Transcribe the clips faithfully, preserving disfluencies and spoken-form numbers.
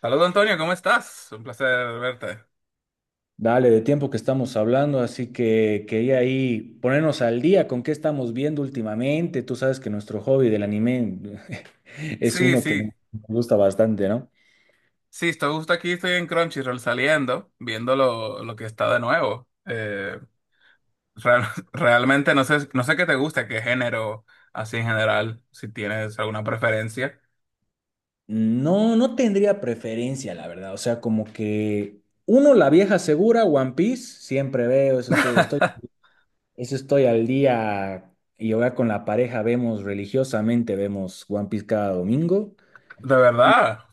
Saludos, Antonio, ¿cómo estás? Un placer verte. Dale, de tiempo que estamos hablando, así que quería ahí ponernos al día con qué estamos viendo últimamente. Tú sabes que nuestro hobby del anime es Sí, uno que nos sí, gusta bastante, ¿no? sí, estoy justo aquí, estoy en Crunchyroll saliendo, viendo lo, lo que está de nuevo. Eh, real- Realmente no sé, no sé qué te gusta, qué género, así en general, si tienes alguna preferencia. No, no tendría preferencia, la verdad. O sea, como que uno, la vieja segura, One Piece, siempre veo, eso estoy, estoy, eso estoy al día y ahora con la pareja vemos religiosamente, vemos One Piece cada domingo. De verdad.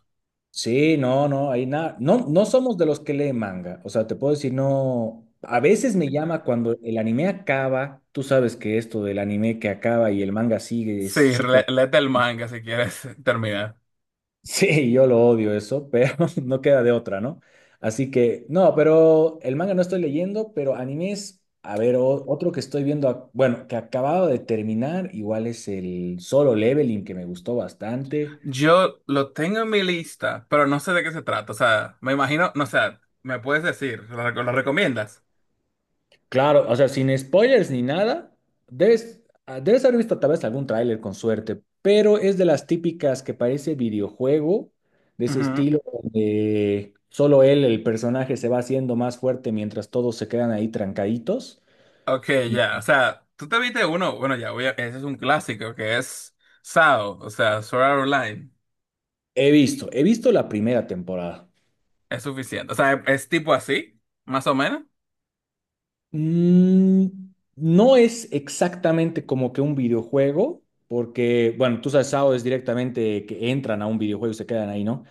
Sí, no, no, hay nada. No, no somos de los que leen manga. O sea, te puedo decir, no. A veces me llama cuando el anime acaba. Tú sabes que esto del anime que acaba y el manga sigue es Sí, súper. le- léete el manga si quieres terminar. Sí, yo lo odio eso, pero no queda de otra, ¿no? Así que, no, pero el manga no estoy leyendo, pero animes. A ver, o- otro que estoy viendo, ac- bueno, que acababa de terminar, igual es el Solo Leveling, que me gustó bastante. Yo lo tengo en mi lista, pero no sé de qué se trata. O sea, me imagino, no sé, me puedes decir, ¿lo, rec- lo recomiendas? Claro, o sea, sin spoilers ni nada, debes, ah, debes haber visto tal vez algún tráiler con suerte, pero es de las típicas que parece videojuego, de ese Ujú. estilo donde solo él, el personaje, se va haciendo más fuerte mientras todos se quedan ahí trancaditos. Ok, Y ya, o sea, tú te viste uno, bueno, ya, voy a- ese es un clásico que es S A O, o sea, Sword Art Online, he visto, he visto la primera temporada. es suficiente, o sea, es, tipo así, más o menos. Mm, no es exactamente como que un videojuego, porque, bueno, tú sabes, S A O es directamente que entran a un videojuego y se quedan ahí, ¿no?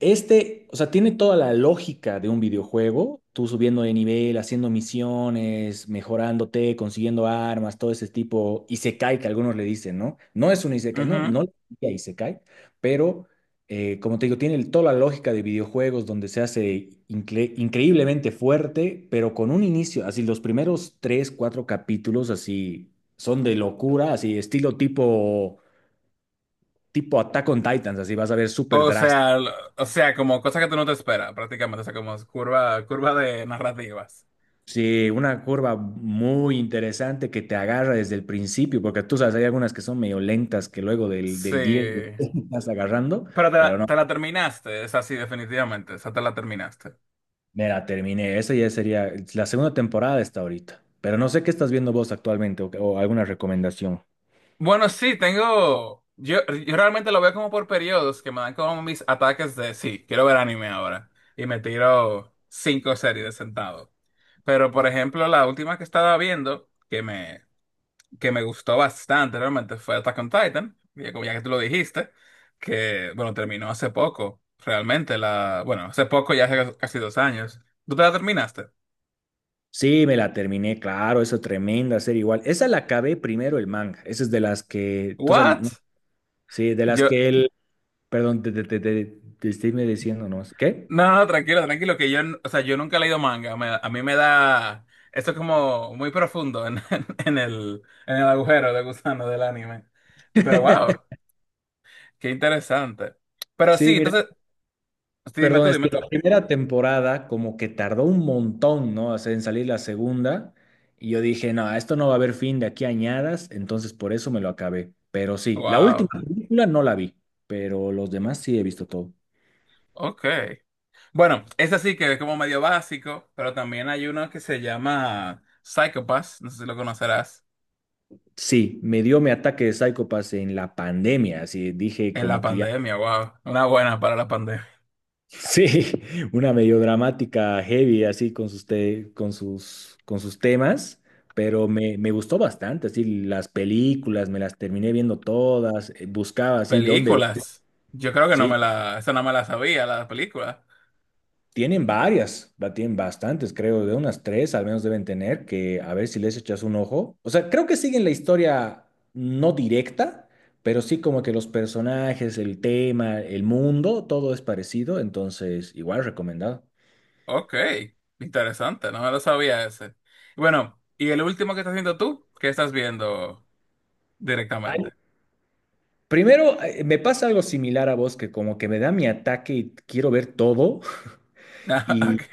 Este, o sea, tiene toda la lógica de un videojuego, tú subiendo de nivel, haciendo misiones, mejorándote, consiguiendo armas, todo ese tipo, isekai que algunos le dicen, ¿no? No es un isekai, no, Ujú. no le diría isekai, pero eh, como te digo, tiene el- toda la lógica de videojuegos donde se hace incre- increíblemente fuerte, pero con un inicio, así los primeros tres, cuatro capítulos así son de locura, así estilo tipo, tipo Attack on Titans, así vas a ver súper O drástico. sea, lo- o sea, como cosas que tú no te esperas, prácticamente, o sea, como curva, curva de narrativas, Sí, una curva muy interesante que te agarra desde el principio, porque tú sabes, hay algunas que son medio lentas que luego del, del diez sí, estás agarrando, pero te pero la, no. te la terminaste, es así, definitivamente, o sea, te la terminaste. Me la terminé. Esa ya sería la segunda temporada está ahorita. Pero no sé qué estás viendo vos actualmente o, o alguna recomendación. Bueno, sí, tengo. Yo, yo realmente lo veo como por periodos que me dan como mis ataques de sí, quiero ver anime ahora. Y me tiro cinco series de sentado. Pero, por ejemplo, la última que estaba viendo, que me, que me gustó bastante realmente, fue Attack on Titan. Ya, como ya que tú lo dijiste, que, bueno, terminó hace poco, realmente. La, bueno, hace poco, ya hace casi dos años. ¿Tú te la terminaste? Sí, me la terminé, claro, esa tremenda serie igual. Esa la acabé primero el manga. Esa es de las que, tú sabes, ¿no? ¿What? Sí, de las Yo. que él, perdón, te, te, te, te, te estoy diciendo, ¿no? ¿Qué? No, no, tranquilo, tranquilo, que yo, n- o sea, yo nunca he leído manga, me, a mí me da, esto es como muy profundo en, en el, en el agujero de gusano del anime, pero wow, qué interesante, pero sí, Sí, mira. entonces, sí, dime Perdón, tú, es dime que tú, la primera temporada como que tardó un montón, ¿no? O sea, en salir la segunda. Y yo dije, no, a esto no va a haber fin de aquí añadas, entonces por eso me lo acabé. Pero sí, la última wow, película no la vi, pero los demás sí he visto todo. ok, bueno, ese sí que es como medio básico, pero también hay uno que se llama Psychopath, no sé si lo conocerás, Sí, me dio mi ataque de Psycho Pass en la pandemia, así dije en la como que ya. pandemia, wow, una buena para la pandemia, Sí, una medio dramática, heavy, así con sus, te- con sus, con sus temas, pero me, me gustó bastante, así las películas, me las terminé viendo todas, eh, buscaba así dónde ver. películas, yo creo que no Sí, me la, esa no me la sabía, la película. tienen varias, va- tienen bastantes, creo, de unas tres al menos deben tener, que a ver si les echas un ojo. O sea, creo que siguen la historia no directa, pero sí como que los personajes, el tema, el mundo, todo es parecido, entonces igual recomendado. Ok, interesante, no me lo sabía ese. Bueno, ¿y el último que estás viendo tú? ¿Qué estás viendo directamente? Primero, eh, me pasa algo similar a vos, que como que me da mi ataque y quiero ver todo, Ah, y ok,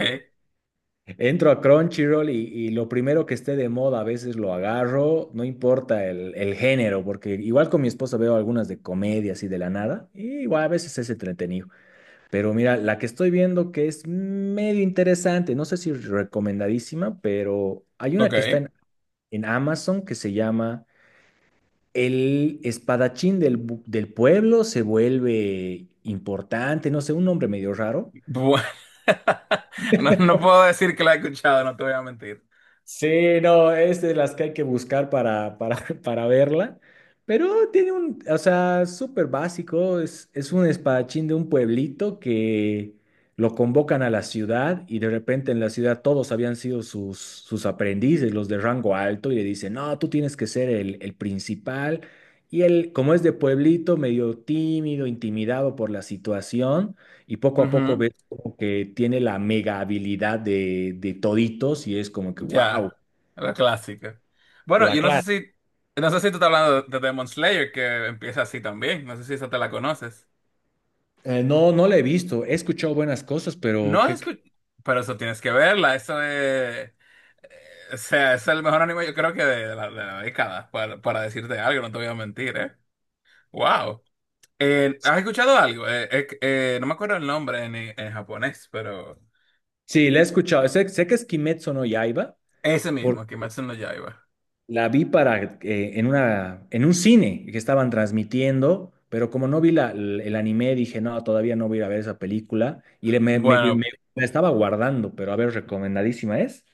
entro a Crunchyroll y, y lo primero que esté de moda a veces lo agarro, no importa el, el género, porque igual con mi esposa veo algunas de comedias y de la nada, y igual a veces es entretenido. Pero mira, la que estoy viendo que es medio interesante, no sé si recomendadísima, pero hay una que está ok. en, en Amazon que se llama... El espadachín del, bu- del pueblo se vuelve importante, no sé, un nombre medio raro. Bueno, no, no puedo decir que la he escuchado, no te voy a mentir. Sí, no, es de las que hay que buscar para, para, para verla. Pero tiene un, o sea, súper básico. Es, es un espadachín de un pueblito que lo convocan a la ciudad y de repente en la ciudad todos habían sido sus, sus aprendices, los de rango alto, y le dicen, no, tú tienes que ser el, el principal. Y él, como es de pueblito, medio tímido, intimidado por la situación, y poco a poco Ujú. ve como que tiene la mega habilidad de, de toditos y es como que, wow, Ya, la clásica. Bueno, la yo no sé clase. si, no sé si tú estás hablando de Demon Slayer, que empieza así también, no sé si esa te la conoces. Eh, no, no la he visto. He escuchado buenas cosas, pero No he que, que- escuchado, pero eso tienes que verla, eso de... eh, O sea, es el mejor anime yo creo que de, de la, de la década, para, para decirte algo, no te voy a mentir, ¿eh? ¡Wow! Eh, ¿has escuchado algo? Eh, eh, eh, no me acuerdo el nombre en, en japonés, pero sí, la he escuchado. Sé, sé que es Kimetsu no Yaiba, ese mismo, porque Kimetsu no Yaiba. la vi para, eh, en una, en un cine que estaban transmitiendo, pero como no vi la, el el anime, dije, no, todavía no voy a ir a ver esa película. Y le- me, me, me- me Bueno, la estaba guardando, pero a ver, recomendadísima es.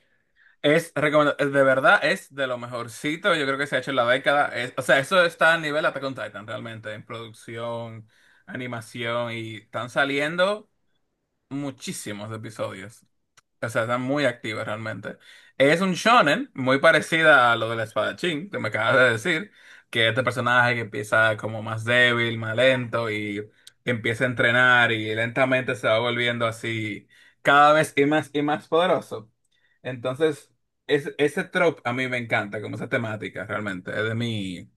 es recomenda- es de verdad es de lo mejorcito, yo creo que se ha hecho en la década. Es- o sea, eso está a nivel Attack on Titan realmente, en producción, animación, y están saliendo muchísimos episodios. O sea, está muy activa realmente. Es un shonen muy parecida a lo del espadachín que me acabas de decir, que este personaje que empieza como más débil, más lento y empieza a entrenar y lentamente se va volviendo así cada vez y más y más poderoso. Entonces, es, ese trope a mí me encanta, como esa temática realmente, es de mí.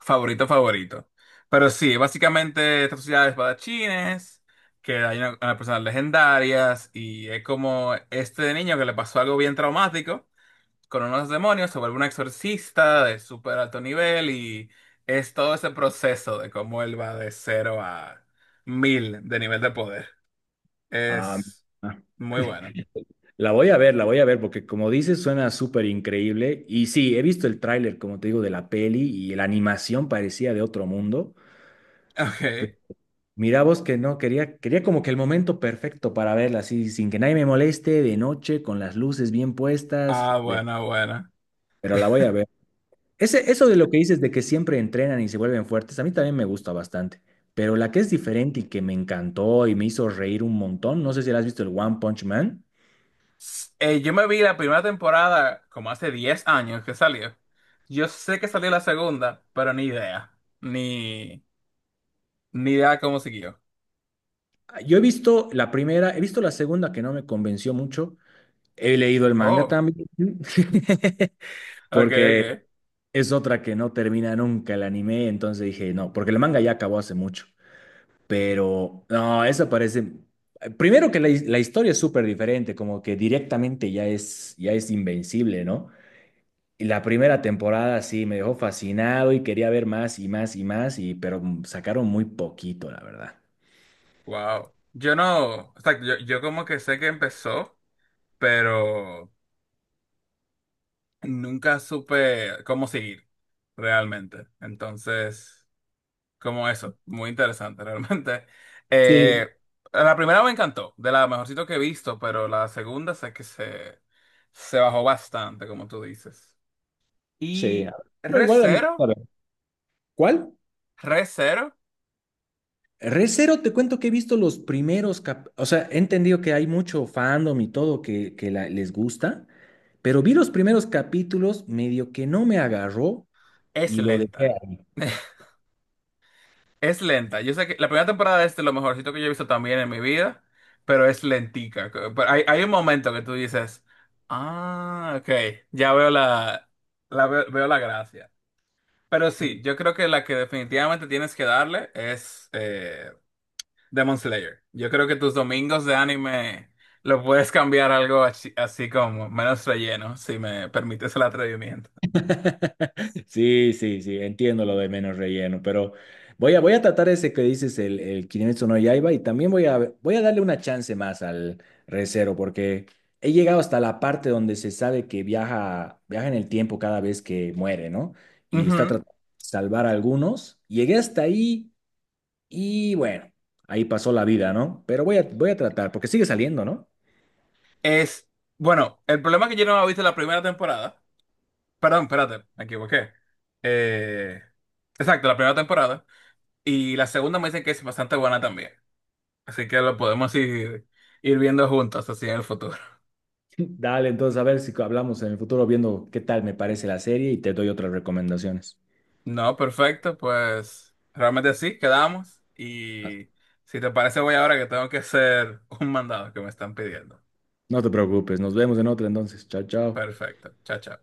Favorito, favorito. Pero sí, básicamente esta sociedad de espadachines, que hay una, una personas legendarias, y es como este niño que le pasó algo bien traumático con unos demonios, sobre un exorcista de súper alto nivel, y es todo ese proceso de cómo él va de cero a mil de nivel de poder. Ah, Es muy bueno. la voy a ver, la voy a ver, porque como dices, suena súper increíble. Y sí, he visto el tráiler, como te digo, de la peli y la animación parecía de otro mundo. Pe- Ok. Mira vos que no, quería, quería como que el momento perfecto para verla, así, sin que nadie me moleste, de noche, con las luces bien puestas, Ah, de- bueno, bueno. pero la voy a ver. Ese, eso de lo que dices de que siempre entrenan y se vuelven fuertes, a mí también me gusta bastante. Pero la que es diferente y que me encantó y me hizo reír un montón, no sé si la has visto, el One Punch Man. Eh, yo me vi la primera temporada como hace diez años que salió. Yo sé que salió la segunda, pero ni idea. Ni, ni idea cómo siguió. Yo he visto la primera, he visto la segunda que no me convenció mucho. He leído el manga Oh, también, ok, porque ok. es otra que no termina nunca el anime, entonces dije, no, porque el manga ya acabó hace mucho. Pero no, esa parece... Primero que la, his- la historia es súper diferente, como que directamente ya es, ya es invencible, ¿no? Y la primera temporada sí me dejó fascinado y quería ver más y más y más, y, pero sacaron muy poquito, la verdad. Wow. Yo no, o sea, yo, yo como que sé que empezó, pero nunca supe cómo seguir realmente. Entonces. Como eso, muy interesante realmente. Sí, Eh, la primera me encantó, de la mejorcito que he visto, pero la segunda sé que se, se bajó bastante, como tú dices. sí. Y Pero igual anima a Re:Zero, ver. ¿Cuál? Re:Zero Re:Zero, te cuento que he visto los primeros, cap- o sea, he entendido que hay mucho fandom y todo que, que la- les gusta, pero vi los primeros capítulos, medio que no me agarró es y lo dejé lenta. ahí. Es lenta. Yo sé que la primera temporada es de este, lo mejorcito que yo he visto también en mi vida, pero es lentica. Pero hay, hay un momento que tú dices, ah, ok, ya veo la, la veo veo la gracia. Pero sí, yo creo que la que definitivamente tienes que darle es eh, Demon Slayer. Yo creo que tus domingos de anime lo puedes cambiar algo así, así como menos relleno, si me permites el atrevimiento. Sí, sí, sí, entiendo lo de menos relleno, pero voy a, voy a tratar ese que dices, el, el Kimetsu no Yaiba, y también voy a, voy a darle una chance más al Re:Zero, porque he llegado hasta la parte donde se sabe que viaja, viaja en el tiempo cada vez que muere, ¿no? Y está Ujú. tratando de salvar a algunos. Llegué hasta ahí y bueno, ahí pasó la vida, ¿no? Pero voy a, voy a tratar, porque sigue saliendo, ¿no? Es, bueno, el problema es que yo no había visto la primera temporada. Perdón, espérate, me equivoqué. Eh, exacto, la primera temporada. Y la segunda me dicen que es bastante buena también. Así que lo podemos ir, ir viendo juntos así en el futuro. Dale, entonces a ver si hablamos en el futuro viendo qué tal me parece la serie y te doy otras recomendaciones. No, perfecto, pues realmente sí, quedamos. Y si te parece, voy ahora que tengo que hacer un mandado que me están pidiendo. No te preocupes, nos vemos en otra entonces. Chao, chao. Perfecto, chao, chao.